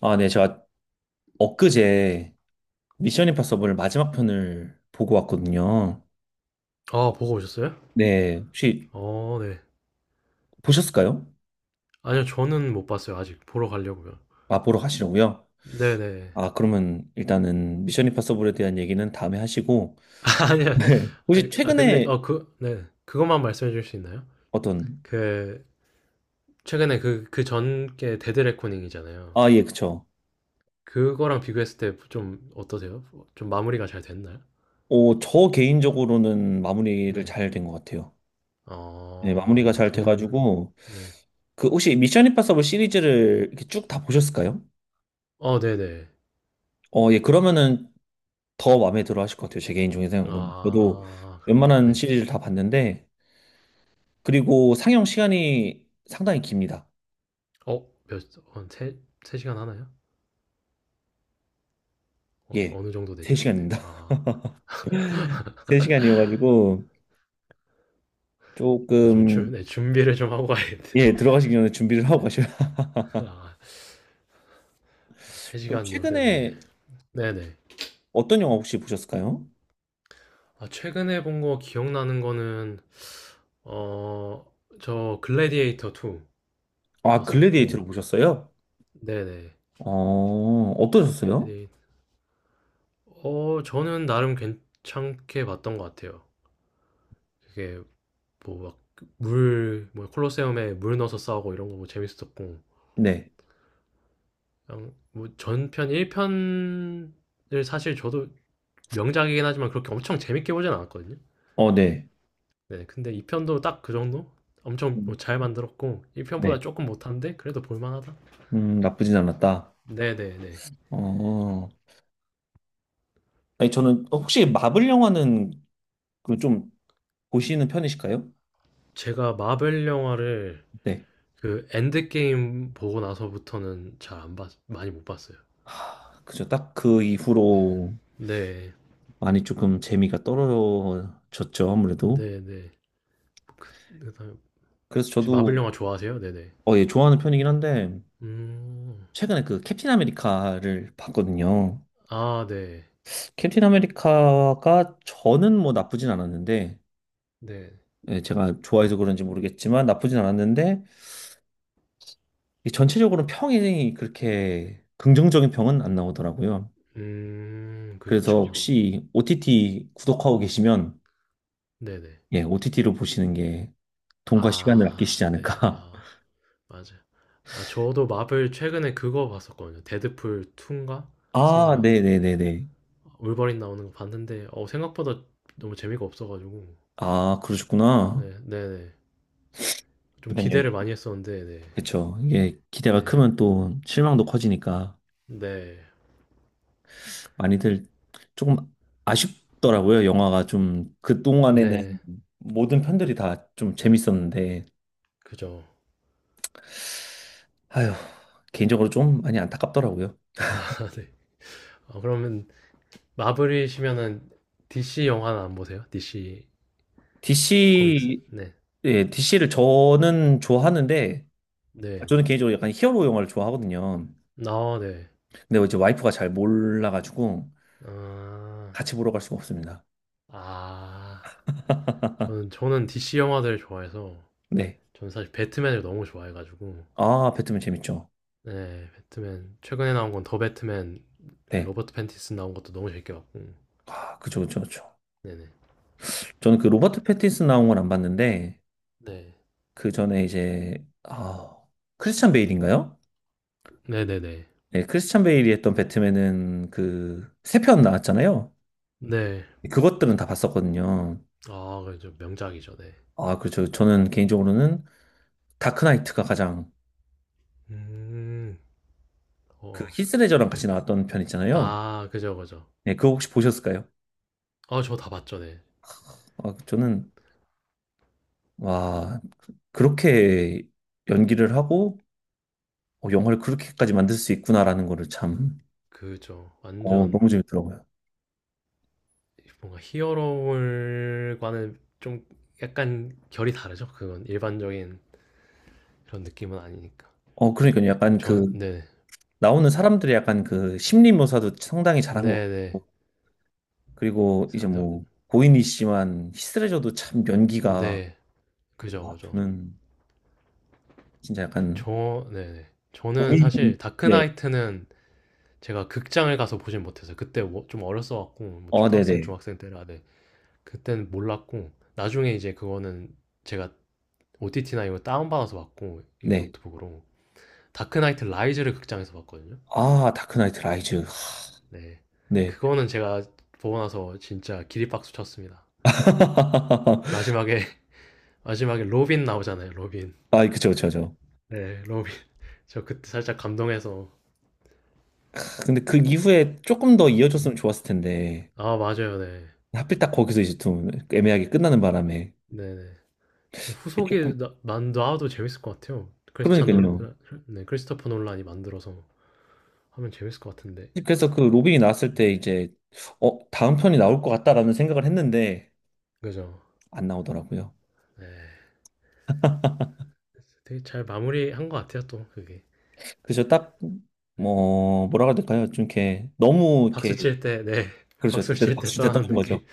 아, 네, 제가 엊그제 미션 임파서블 마지막 편을 보고 왔거든요. 아, 보고 오셨어요? 네, 혹시 어, 네. 보셨을까요? 아니요, 저는 못 봤어요 아직. 보러 가려고요. 아, 보러 가시려고요? 네네. 아, 그러면 일단은 미션 임파서블에 대한 얘기는 다음에 하시고, 아니요. 네. 아 혹시 아 근데 최근에 어 그 네. 그것만 말씀해 주실 수 있나요? 어떤, 그 최근에 그 전 게 데드 레코닝이잖아요. 아, 예, 그쵸. 그거랑 비교했을 때 좀 어떠세요? 좀 마무리가 잘 됐나요? 어, 저 개인적으로는 마무리를 네. 잘 된 것 같아요. 네, 아, 마무리가 네. 잘 저는 돼가지고, 네. 그 혹시 미션 임파서블 시리즈를 이렇게 쭉 다 보셨을까요? 어, 네네. 어, 예, 그러면은 더 마음에 들어 하실 것 같아요. 제 개인적인 생각으로는. 저도 아, 그런가요? 웬만한 네. 시리즈를 다 봤는데, 그리고 상영 시간이 상당히 깁니다. 어 몇 한 세 세 시간 하나요? 예. 어느 정도 되죠? 네. 3시간입니다. 아. 3시간이어가지고, 아 좀 준 조금, 네, 준비를 좀 하고 가야겠네요. 예, 들어가시기 전에 준비를 하고 네. 가셔야. 아, 세 시 그럼 간 요새네. 최근에 네네. 어떤 영화 혹시 보셨을까요? 아, 최근에 본 거 기억나는 거는, 어, 저 글래디에이터 2 아, 봤었고, 글래디에이터를 보셨어요? 네네. 어, 어떠셨어요? 글래디- 어, 저는 나름 괜찮게 봤던 것 같아요. 그게 뭐 막 뭐 콜로세움에 물 넣어서 싸우고 이런 거 뭐 재밌었고, 네. 그냥 뭐 전편 1편을 사실 저도 명작이긴 하지만 그렇게 엄청 재밌게 보진 않았거든요. 어, 네. 네, 근데 2편도 딱 그 정도? 엄청 음, 뭐잘 만들었고 1편보다 네. 조금 못한데 그래도 볼만하다. 나쁘진 않았다. 네네네. 어, 아니, 저는 혹시 마블 영화는 그좀 보시는 편이실까요? 제가 마블 영화를 네. 그 엔드게임 보고 나서부터는 잘 안 봤, 많이 못 봤어요. 그죠. 딱 그 이후로 네, 많이 조금 재미가 떨어졌죠. 아무래도. 네네. 그다음에 그래서 혹시 저도 마블 영화 좋아하세요? 네네. 어, 예, 좋아하는 편이긴 한데 음, 최근에 그 캡틴 아메리카를 봤거든요. 아, 네, 캡틴 아메리카가 저는 뭐 나쁘진 않았는데 네. 예, 제가 좋아해서 그런지 모르겠지만 나쁘진 않았는데 이 전체적으로 평이 그렇게 긍정적인 평은 안 나오더라고요. 그래서 그렇죠. 그쵸. 혹시 OTT 구독하고 계시면 네네. 예, OTT로 보시는 게 돈과 시간을 아, 아끼시지 네, 않을까. 아, 맞아. 아, 저도 마블 최근에 그거 봤었거든요. 데드풀 2인가? 아, 3인가? 네네네네. 올바린 나오는 거 봤는데 생각보다 너무 재미가 없어 가지고. 아, 그러셨구나. 네. 네네. 그좀 러요 기대를 이게 많이 했었는데 네. 그쵸. 이게 기대가 네. 크면 또 네. 실망도 커지니까 네. 많이들 조금 아쉽더라고요. 영화가 좀 그동안에는 네. 모든 편들이 다 좀 재밌었는데, 그죠. 아휴, 개인적으로 좀 많이 안타깝더라고요. 아, 네. 어, 그러면 마블이시면은 DC 영화는 안 보세요? DC 코믹스? DC, 네. 예, DC를 저는 좋아하는데, 아, 저는 네네. 개인적으로 약간 히어로 영화를 좋아하거든요. 아, 네. 근데 이제 와이프가 잘 몰라가지고 아. 같이 보러 갈 수가 없습니다. 아. 저는 DC 영화들을 좋아해서 네. 저는 사실 배트맨을 너무 좋아해 가지고 아, 배트맨 재밌죠. 네. 배트맨 최근에 나온 건 더 배트맨, 그 네. 로버트 팬티슨 나온 것도 너무 재밌게 봤고. 아, 그쵸, 그쵸, 그쵸. 네네. 저는 그 로버트 패틴슨 나온 건 안 봤는데, 네. 그 전에 이제, 아, 크리스찬 베일인가요? 네네네. 네, 크리스찬 베일이 했던 배트맨은 그, 세 편 나왔잖아요. 네. 그것들은 다 봤었거든요. 아, 그죠. 명작이죠. 네. 아, 그렇죠. 저는 개인적으로는 다크나이트가 가장, 음. 그 어. 히스레저랑 그 같이 나왔던 편 있잖아요. 아, 그죠, 그죠. 네, 그거 혹시 보셨을까요? 아, 저 다 봤죠. 네. 아, 저는, 와, 그렇게 연기를 하고, 어, 영화를 그렇게까지 만들 수 있구나라는 거를 참, 그죠. 어, 완전 너무 재밌더라고요. 뭔가 히어로물과는 좀 약간 결이 다르죠. 그건 일반적인 그런 느낌은 아니니까. 어, 그러니까요. 이거 약간 그 전 네. 나오는 사람들이 약간 그 심리 묘사도 상당히 잘한 것 네네. 같고 그리고 이제 사람들 뭐 고인이니씨만 히스레저도 참 연기가 네. 그죠, 와 그죠. 저는 진짜 약간 저, 네 네. 저는 고인 사실 네. 다크나이트는 제가 극장을 가서 보진 못했어요. 그때 좀 어렸어갖고, 뭐 어 초등학생, 네네 중학생 때라, 네. 그때는 몰랐고, 나중에 이제 그거는 제가 OTT나 이거 다운받아서 봤고, 이거 네. 노트북으로. 다크나이트 라이즈를 극장에서 봤거든요. 아 다크나이트 라이즈 네. 네. 그거는 제가 보고 나서 진짜 기립박수 쳤습니다. 마지막에, 마지막에 로빈 나오잖아요, 로빈. 아 그죠 그죠 그죠. 네, 로빈. 저 그때 살짝 감동해서. 근데 그 이후에 조금 더 네. 이어졌으면 좋았을 텐데 아, 맞아요, 네. 하필 딱 거기서 이제 좀 애매하게 끝나는 바람에 네네. 그게 조금 만 나와도 재밌을 것 같아요. 그러니까요. 네, 크리스토퍼 놀란이 만들어서 하면 재밌을 것 같은데. 그래서 그 로빈이 나왔을 때 이제 어 다음 편이 나올 것 같다라는 생각을 했는데 그죠? 안 나오더라고요. 네. 되게 잘 마무리한 것 같아요, 또, 그게. 그래서 딱, 네. 뭐, 뭐라 그래야 될까요? 좀 이렇게, 너무 이렇게, 박수 칠 때, 네. 그렇죠. 박수 그래도 칠 때 박수칠 때 떠나는 떠는 거죠. 느낌.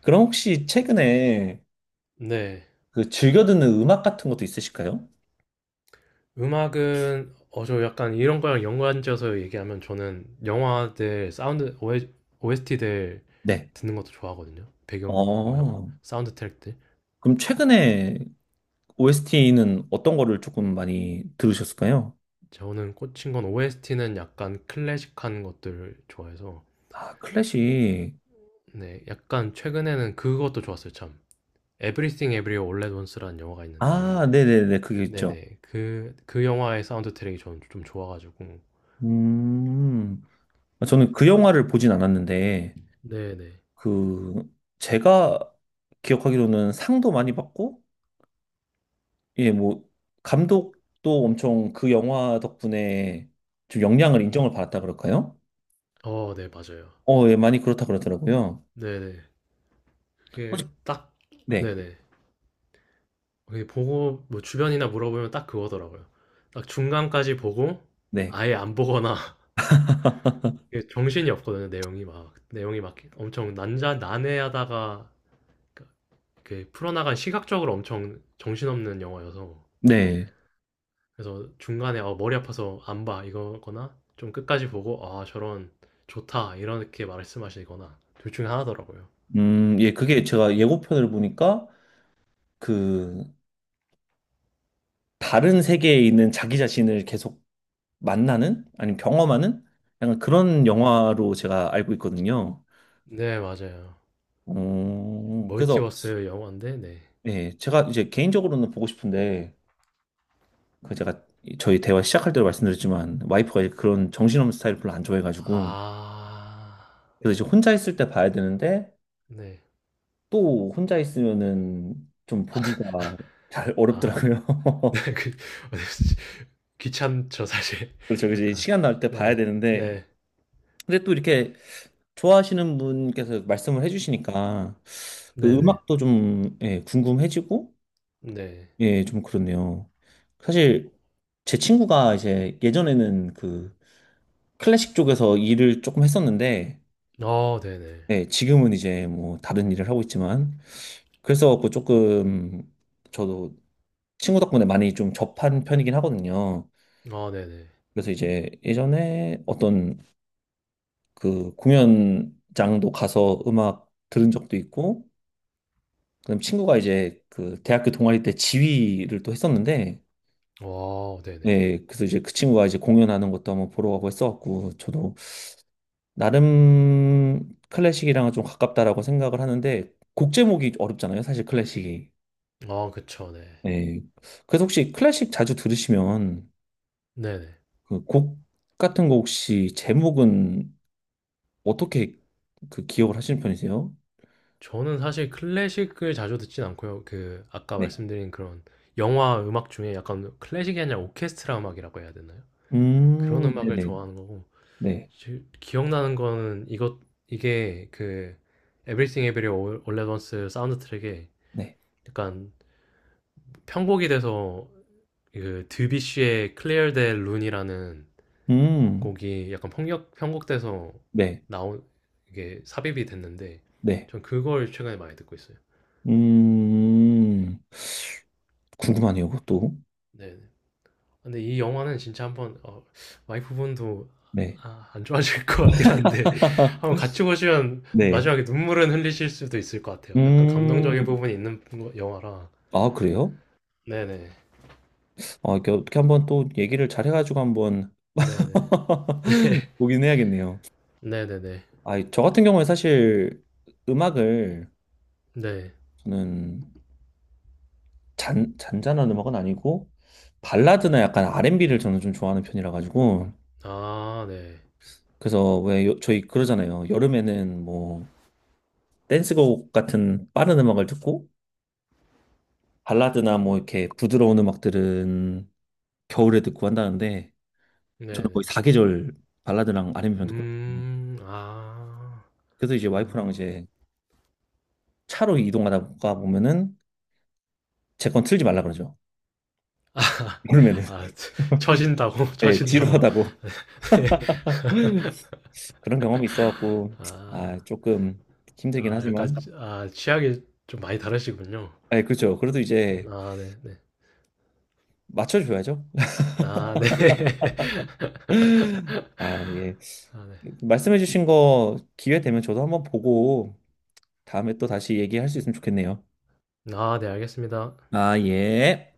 그럼 혹시 최근에 네. 그 즐겨 듣는 음악 같은 것도 있으실까요? 음악은, 저 약간 이런 거랑 연관지어서 얘기하면 저는 영화들, 사운드, OST들 네. 듣는 것도 좋아하거든요. 배경, 뭐, 어, 사운드 트랙들. 그럼 최근에 OST는 어떤 거를 조금 많이 들으셨을까요? 저는 꽂힌 건 OST는 약간 클래식한 것들 좋아해서 아, 클래식. 네, 약간 최근에는 그것도 좋았어요, 참. Everything Everywhere All at Once라는 영화가 아, 있는데, 네네네. 그게 있죠. 네네, 그 영화의 사운드 트랙이 저는 좀 좋아가지고, 음, 아, 저는 그 영화를 보진 않았는데, 네네, 그, 제가 기억하기로는 상도 많이 받고, 예, 뭐, 감독도 엄청 그 영화 덕분에 좀 역량을 인정을 받았다 그럴까요? 어, 네, 맞아요. 어, 예, 많이 그렇다 그러더라고요. 네네, 혹시, 그게 딱, 네, 네네, 그게 보고, 뭐 주변이나 물어보면 딱 그거더라고요. 딱 중간까지 보고, 네, 아예 안 보거나, 이게 정신이 없거든요, 내용이 막 엄청 난해하다가, 그, 그 풀어나간 시각적으로 엄청 정신없는 영화여서, 네. 그래서 중간에 어, 머리 아파서 안 봐 이거거나 좀 끝까지 보고 아 저런 좋다 이렇게 말씀하시거나 둘 중에 하나더라고요. 예, 그게 제가 예고편을 보니까 그, 다른 세계에 있는 자기 자신을 계속 만나는? 아니면 경험하는? 약간 그런 영화로 제가 알고 있거든요. 네, 맞아요. 어, 그래서, 멀티버스 영화인데 네. 예, 제가 이제 개인적으로는 보고 싶은데, 그 제가 저희 대화 시작할 때도 말씀드렸지만 네. 와이프가 이제 그런 정신없는 스타일 별로 안 좋아해가지고 아, 그래서 이제 혼자 있을 때 봐야 되는데 네. 또 혼자 있으면은 좀 보기가 잘 아, 네, 어렵더라고요. 그, 어, 귀찮죠, 사실. 그래서 이제 약간. 시간 날 때 봐야 네, 되는데 네, 근데 또 이렇게 좋아하시는 분께서 말씀을 해주시니까 네 그 네, 음악도 좀 예, 궁금해지고 네. 예, 좀 그렇네요. 사실 제 친구가 이제 예전에는 그 클래식 쪽에서 일을 조금 했었는데 네. 어, 네 네. 네, 지금은 이제 뭐 다른 일을 하고 있지만 그래서 갖고 조금 저도 친구 덕분에 많이 좀 접한 편이긴 하거든요. 어, 네 네. 그래서 이제 예전에 어떤 그 공연장도 가서 음악 들은 적도 있고 그다음 친구가 이제 그 대학교 동아리 때 지휘를 또 했었는데 어, 네네. 네, 그래서 이제 그 친구가 이제 공연하는 것도 한번 보러 가고 했어갖고 저도 나름 클래식이랑은 좀 가깝다라고 생각을 하는데 곡 제목이 어렵잖아요, 사실 클래식이. 어, 그쵸, 네. 네. 그래서 혹시 클래식 자주 들으시면 네네. 그 곡 같은 거 혹시 제목은 어떻게 그 기억을 하시는 편이세요? 저는 사실 클래식을 자주 듣진 않고요. 그 아까 네. 말씀드린 그런 영화 음악 중에 약간 클래식이 아니라 오케스트라 음악이라고 해야 되나요? 그런 음악을 네네. 좋아하는 거고 네. 기억나는 거는 이것 이게 그 Everything Everywhere All at Once 사운드 트랙에 네. 약간 편곡이 돼서 그 드뷔시의 Clear the r u n e 이라는 음, 곡이 약간 편곡돼서 네. 나온 이게 삽입이 됐는데 네. 전 그걸 최근에 많이 듣고 있어요. 음, 궁금하네요, 그것도. 네. 근데 이 영화는 진짜 한번 어, 와이프분도 네. 아, 안 좋아하실 것 같긴 한데 한번 같이 보시면 네. 마지막에 눈물은 흘리실 수도 있을 것 같아요. 약간 감동적인 음, 부분이 있는 영화라. 아, 그래요? 네네. 아, 이렇게 어떻게 한번 또 얘기를 잘해가지고 한번 네네. 보긴 해야겠네요. 네네네. 아, 저 같은 경우는 사실 음악을 네. 저는 잔잔한 음악은 아니고 발라드나 약간 R&B를 저는 좀 좋아하는 편이라 가지고 아, 네. 그래서 왜 요- 저희 그러잖아요. 여름에는 뭐 댄스곡 같은 빠른 음악을 듣고 발라드나 뭐 이렇게 부드러운 음악들은 겨울에 듣고 한다는데 저는 거의 네네. 사계절 발라드랑 R&B만 듣고 아, 그래서 이제 와이프랑 그러시구나. 이제 차로 이동하다가 보면은 제 건 틀지 말라 그러죠. 여름에는 아, 처- 처진다고, 네, 처진다고. 지루하다고 네. 그런 경험이 있어갖고 아, 아 조금 힘들긴 아, 약간, 하지만 아, 취향이 좀 많이 다르시군요. 네, 그렇죠. 그래도 이제 아, 네네. 맞춰줘야죠. 아, 네. 아, 네. 아, 네. 아, 예. 말씀해주신 거 기회 되면 저도 한번 보고 다음에 또 다시 얘기할 수 있으면 좋겠네요. 아, 네, 알겠습니다. 아, 예.